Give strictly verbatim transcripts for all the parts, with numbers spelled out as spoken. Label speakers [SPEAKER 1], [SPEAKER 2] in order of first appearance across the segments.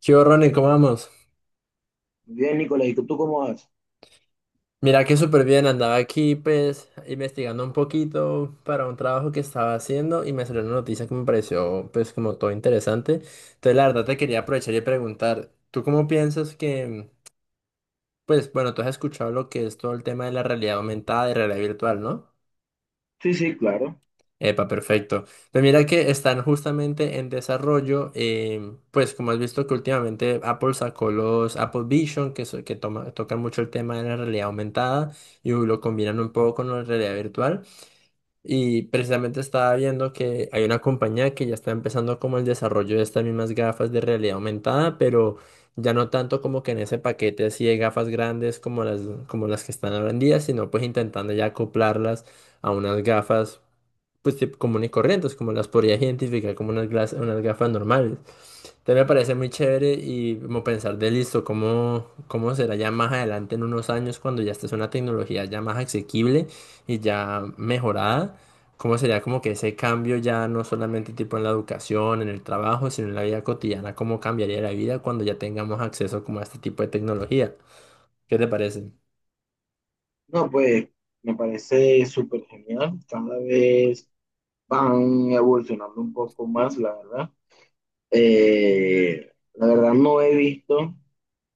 [SPEAKER 1] ¿Qué hubo, Ronnie? ¿Cómo vamos?
[SPEAKER 2] Bien, Nicolás, ¿y tú cómo vas?
[SPEAKER 1] Mira que súper bien, andaba aquí pues investigando un poquito para un trabajo que estaba haciendo y me salió una noticia que me pareció pues como todo interesante. Entonces la verdad te quería aprovechar y preguntar, ¿tú cómo piensas que, pues bueno, tú has escuchado lo que es todo el tema de la realidad aumentada y realidad virtual, ¿no?
[SPEAKER 2] Sí, sí, claro.
[SPEAKER 1] Epa, perfecto. Pues mira que están justamente en desarrollo, em, pues como has visto que últimamente Apple sacó los Apple Vision, que, so- que toma- tocan mucho el tema de la realidad aumentada y lo combinan un poco con la realidad virtual. Y precisamente estaba viendo que hay una compañía que ya está empezando como el desarrollo de estas mismas gafas de realidad aumentada, pero ya no tanto como que en ese paquete así de gafas grandes como las, como las que están ahora en día, sino pues intentando ya acoplarlas a unas gafas pues tipo común y corrientes, como las podría identificar como unas, glas- unas gafas normales. Entonces me parece muy chévere y como pensar de listo, cómo, cómo será ya más adelante en unos años cuando ya esta es una tecnología ya más asequible y ya mejorada, cómo sería como que ese cambio ya no solamente tipo en la educación, en el trabajo, sino en la vida cotidiana, cómo cambiaría la vida cuando ya tengamos acceso como a este tipo de tecnología. ¿Qué te parece?
[SPEAKER 2] No, pues me parece súper genial. Cada vez van evolucionando un poco más, la verdad. Eh, la verdad no he visto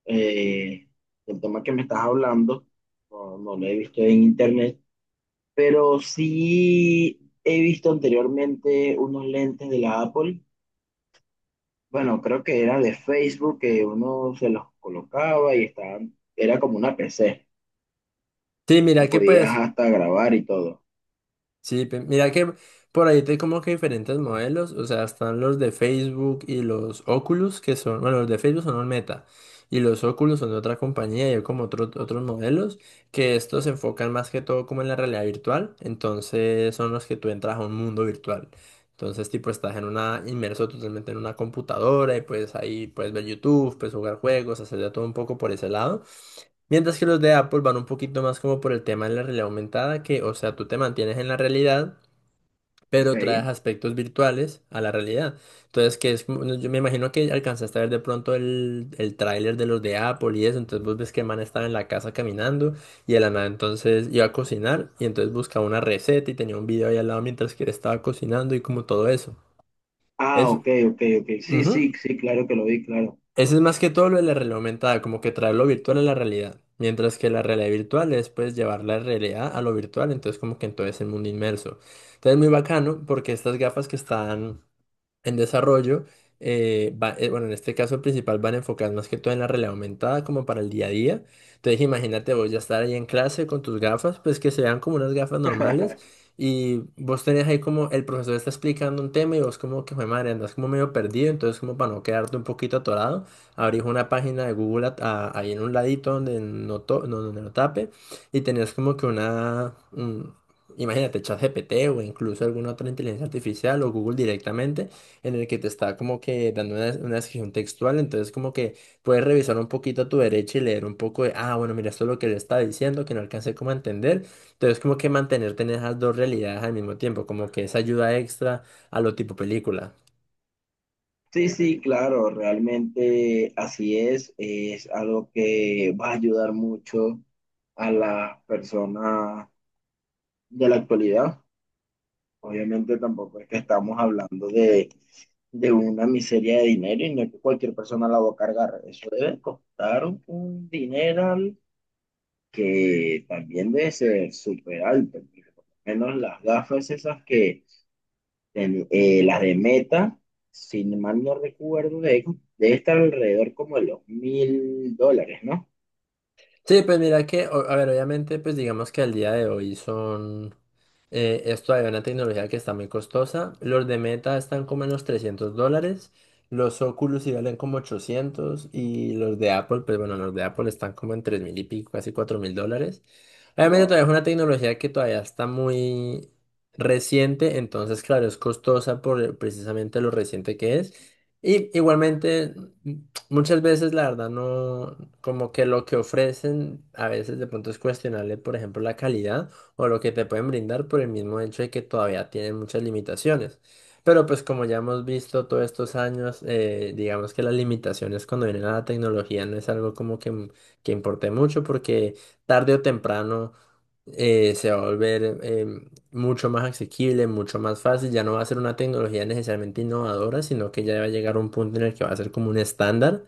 [SPEAKER 2] eh, el tema que me estás hablando, no, no lo he visto en internet, pero sí he visto anteriormente unos lentes de la Apple. Bueno, creo que era de Facebook que uno se los colocaba y estaban, era como una P C,
[SPEAKER 1] Sí,
[SPEAKER 2] que
[SPEAKER 1] mira que
[SPEAKER 2] podías
[SPEAKER 1] pues...
[SPEAKER 2] hasta grabar y todo.
[SPEAKER 1] Sí, pe- mira que por ahí te como que diferentes modelos, o sea, están los de Facebook y los Oculus, que son, bueno, los de Facebook son los Meta, y los Oculus son de otra compañía y hay como otros otros modelos, que estos se enfocan más que todo como en la realidad virtual, entonces son los que tú entras a un mundo virtual. Entonces, tipo, estás en una, inmerso totalmente en una computadora y pues ahí puedes ver YouTube, puedes jugar juegos, hacer de todo un poco por ese lado. Mientras que los de Apple van un poquito más como por el tema de la realidad aumentada, que, o sea, tú te mantienes en la realidad,
[SPEAKER 2] Ok.
[SPEAKER 1] pero traes aspectos virtuales a la realidad. Entonces, que es, como- yo me imagino que alcanzaste a ver de pronto el, el tráiler de los de Apple y eso, entonces vos ves que el man estaba en la casa caminando y el man entonces iba a cocinar y entonces buscaba una receta y tenía un video ahí al lado mientras que él estaba cocinando y como todo eso.
[SPEAKER 2] Ah,
[SPEAKER 1] Es,
[SPEAKER 2] ok, ok, ok. Sí, sí, sí, claro que lo vi, claro.
[SPEAKER 1] Ese es más que todo lo de la realidad aumentada, como que traer lo virtual a la realidad. Mientras que la realidad virtual es pues llevar la realidad a lo virtual, entonces como que en todo ese mundo inmerso. Entonces muy bacano porque estas gafas que están en desarrollo, eh, va- eh, bueno, en este caso principal van enfocadas más que todo en la realidad aumentada como para el día a día. Entonces imagínate vos ya estar ahí en clase con tus gafas, pues que sean como unas gafas normales y vos tenés ahí como el profesor está explicando un tema y vos como que, "Jue madre, andas como medio perdido, entonces como para no quedarte un poquito atorado, abrís una página de Google a- a- ahí en un ladito donde no, to- no, donde no tape y tenés como que una... un- Imagínate, ChatGPT o incluso alguna otra inteligencia artificial o Google directamente en el que te está como que dando una, una descripción textual, entonces como que puedes revisar un poquito a tu derecha y leer un poco de, ah, bueno, mira, esto es lo que le está diciendo, que no alcancé como a entender, entonces como que mantenerte en esas dos realidades al mismo tiempo, como que esa ayuda extra a lo tipo película.
[SPEAKER 2] Sí, sí, claro, realmente así es. Es algo que va a ayudar mucho a las personas de la actualidad. Obviamente tampoco es que estamos hablando de, de una miseria de dinero y no es que cualquier persona la va a cargar. Eso debe costar un, un dineral que también debe ser súper alto, porque por lo menos las gafas esas que, ten- eh, las de Meta, si mal no recuerdo, de- debe estar alrededor como de los mil dólares, ¿no?
[SPEAKER 1] Sí, pues mira que, o- a ver, obviamente, pues digamos que al día de hoy son... Eh, esto es una tecnología que está muy costosa. Los de Meta están como en los trescientos dólares. Los Oculus sí valen como ochocientos. Y los de Apple, pues bueno, los de Apple están como en tres mil y pico, casi cuatro mil dólares. Obviamente
[SPEAKER 2] Wow,
[SPEAKER 1] todavía es una tecnología que todavía está muy reciente. Entonces, claro, es costosa por eh, precisamente lo reciente que es. Y igualmente, mm, muchas veces la verdad no, como que lo que ofrecen a veces de pronto es cuestionable, por ejemplo, la calidad o lo que te pueden brindar por el mismo hecho de que todavía tienen muchas limitaciones. Pero pues como ya hemos visto todos estos años, eh, digamos que las limitaciones cuando vienen a la tecnología no es algo como que, m- que importe mucho porque tarde o temprano eh, se va a volver eh, mucho más asequible, mucho más fácil, ya no va a ser una tecnología necesariamente innovadora, sino que ya va a llegar a un punto en el que va a ser como un estándar.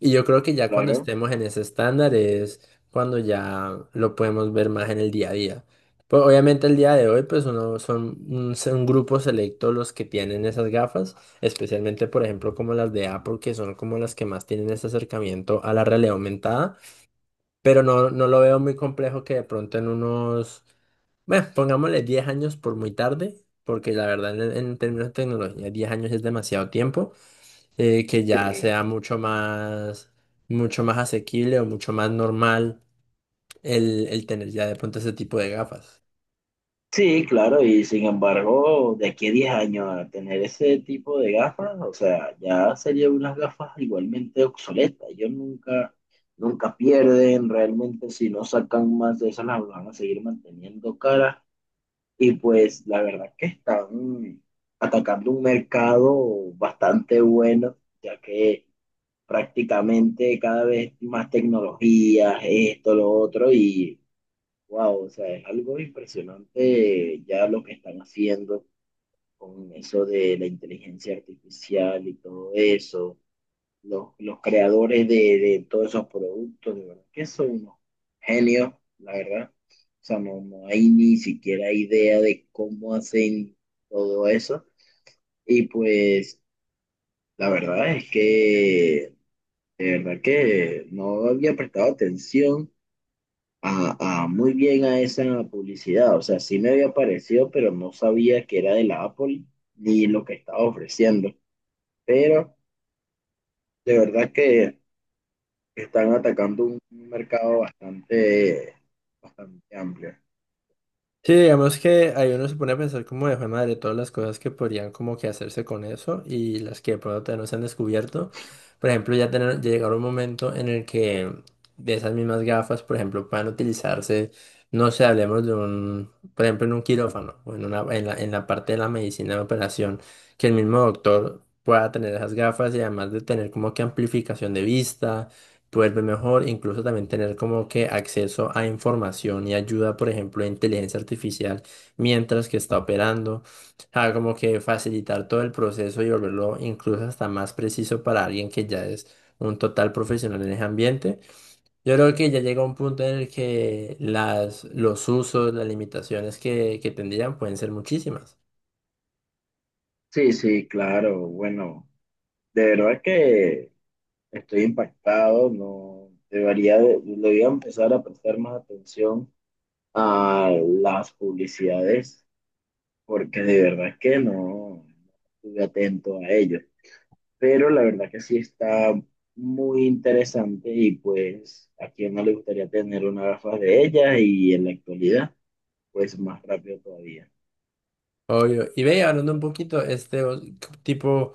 [SPEAKER 1] Y yo creo que ya cuando
[SPEAKER 2] claro.
[SPEAKER 1] estemos en ese estándar es cuando ya lo podemos ver más en el día a día. Pues obviamente el día de hoy, pues uno son un, se- un grupo selecto los que tienen esas gafas, especialmente por ejemplo como las de Apple, que son como las que más tienen ese acercamiento a la realidad aumentada, pero no, no lo veo muy complejo que de pronto en unos, bueno, pongámosle diez años por muy tarde, porque la verdad en, en términos de tecnología diez años es demasiado tiempo eh, que ya
[SPEAKER 2] Sí.
[SPEAKER 1] sea mucho más, mucho más asequible o mucho más normal el, el tener ya de pronto ese tipo de gafas.
[SPEAKER 2] Sí, claro, y sin embargo, de aquí a diez años a tener ese tipo de gafas, o sea, ya serían unas gafas igualmente obsoletas. Yo nunca, nunca pierden realmente si no sacan más de esas, las van a seguir manteniendo caras. Y pues la verdad que están atacando un mercado bastante bueno, ya que prácticamente cada vez más tecnologías, esto, lo otro, y wow, o sea, es algo impresionante ya lo que están haciendo con eso de la inteligencia artificial y todo eso, los, los creadores de, de todos esos productos, de verdad, que son unos genios, la verdad. O sea, no, no hay ni siquiera idea de cómo hacen todo eso. Y pues, la verdad es que, de verdad que no había prestado atención a, a muy bien a esa publicidad. O sea, sí me había parecido, pero no sabía que era de la Apple ni lo que estaba ofreciendo. Pero de verdad que están atacando un mercado bastante, bastante amplio.
[SPEAKER 1] Sí, digamos que ahí uno se pone a pensar como de "Jue madre todas las cosas que podrían como que hacerse con eso y las que de pronto todavía no se han descubierto. Por ejemplo, ya tener, ya llegar un momento en el que de esas mismas gafas, por ejemplo, puedan utilizarse, no sé, hablemos de un, por ejemplo, en un quirófano o en una, en la, en la parte de la medicina de operación, que el mismo doctor pueda tener esas gafas y además de tener como que amplificación de vista vuelve mejor, incluso también tener como que acceso a información y ayuda, por ejemplo, de inteligencia artificial mientras que está operando, ah, como que facilitar todo el proceso y volverlo incluso hasta más preciso para alguien que ya es un total profesional en ese ambiente. Yo creo que ya llega un punto en el que las, los usos, las limitaciones que, que tendrían pueden ser muchísimas.
[SPEAKER 2] Sí, sí, claro. Bueno, de verdad que estoy impactado. No debería, de- debería empezar a prestar más atención a las publicidades, porque de verdad que no estuve atento a ello. Pero la verdad que sí está muy interesante y pues a quien no le gustaría tener una gafas de ellas y en la actualidad, pues más rápido todavía.
[SPEAKER 1] Obvio. Y ve, hablando un poquito, este o- tipo,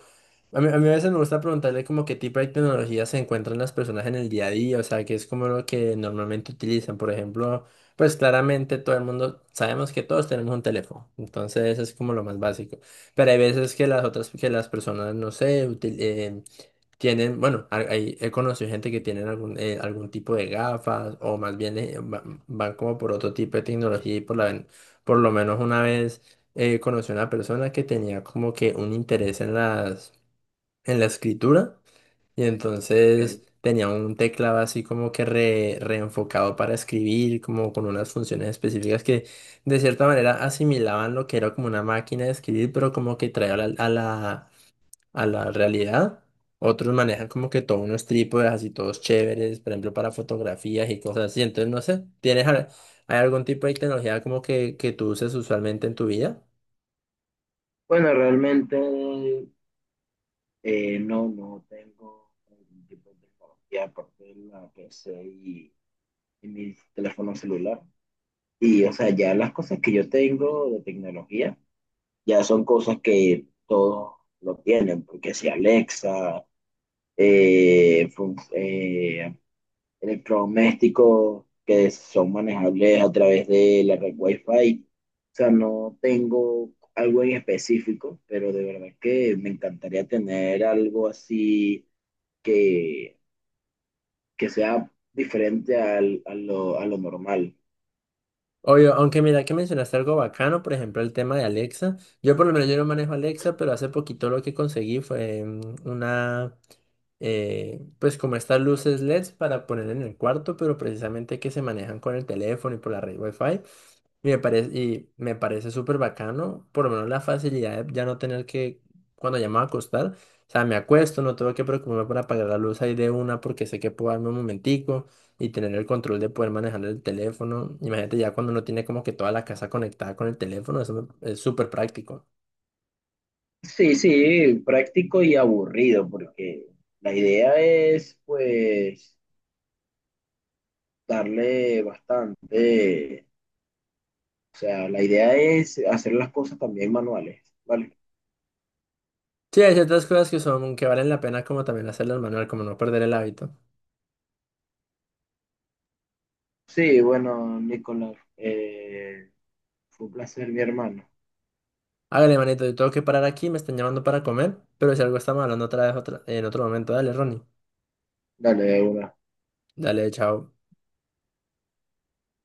[SPEAKER 1] a mí, a mí a veces me gusta preguntarle como qué tipo de tecnologías se encuentran las personas en el día a día, o sea, qué es como lo que normalmente utilizan. Por ejemplo, pues claramente todo el mundo, sabemos que todos tenemos un teléfono, entonces es como lo más básico. Pero hay veces que las otras, que las personas, no sé, tienen, bueno, ha- hay- he conocido gente que tienen algún, eh, algún tipo de gafas o más bien eh, va- van como por otro tipo de tecnología y por, la, ven- por lo menos una vez eh, conocí a una persona que tenía como que un interés en las, en la escritura y entonces tenía un teclado así como que re- reenfocado para escribir, como con unas funciones específicas que de cierta manera asimilaban lo que era como una máquina de escribir, pero como que traía a la, a la realidad. Otros manejan como que todos unos trípodes así todos chéveres, por ejemplo, para fotografías y cosas así. Entonces, no sé, ¿tienes al- hay algún tipo de tecnología como que, que tú uses usualmente en tu vida?
[SPEAKER 2] Bueno, realmente eh, no, no tengo ningún tipo de tecnología aparte de la P C y, y mi teléfono celular. Y, o sea, ya las cosas que yo tengo de tecnología ya son cosas que todos lo tienen, porque si Alexa, eh, electrodomésticos que son manejables a través de la red Wi-Fi. O sea, no tengo algo en específico, pero de verdad que me encantaría tener algo así que, que, sea diferente al- a lo, a lo normal.
[SPEAKER 1] Obvio, aunque mira que mencionaste algo bacano, por ejemplo, el tema de Alexa. Yo por lo menos yo no manejo Alexa, pero hace poquito lo que conseguí fue mm, una, eh, pues como estas luces L E Ds para poner en el cuarto, pero precisamente que se manejan con el teléfono y por la red Wi-Fi. Y me parece, y me parece súper bacano, por lo menos la facilidad de ya no tener que, cuando ya me voy a acostar, o sea, me acuesto, no tengo que preocuparme por apagar la luz ahí de una porque sé que puedo darme un momentico y tener el control de poder manejar el teléfono. Imagínate ya cuando uno tiene como que toda la casa conectada con el teléfono, eso me- es súper práctico.
[SPEAKER 2] Sí, sí, práctico y aburrido, porque la idea es, pues, darle bastante, o sea, la idea es hacer las cosas también manuales, ¿vale?
[SPEAKER 1] Sí, hay ciertas cosas que son, que valen la pena como también hacerlas manual, como no perder el hábito.
[SPEAKER 2] Sí, bueno, Nicolás, eh, fue un placer, mi hermano.
[SPEAKER 1] Hágale, manito, yo tengo que parar aquí, me están llamando para comer, pero si algo estamos hablando otra vez otra, en otro momento, dale, Ronnie.
[SPEAKER 2] Dale, de una.
[SPEAKER 1] Dale, chao.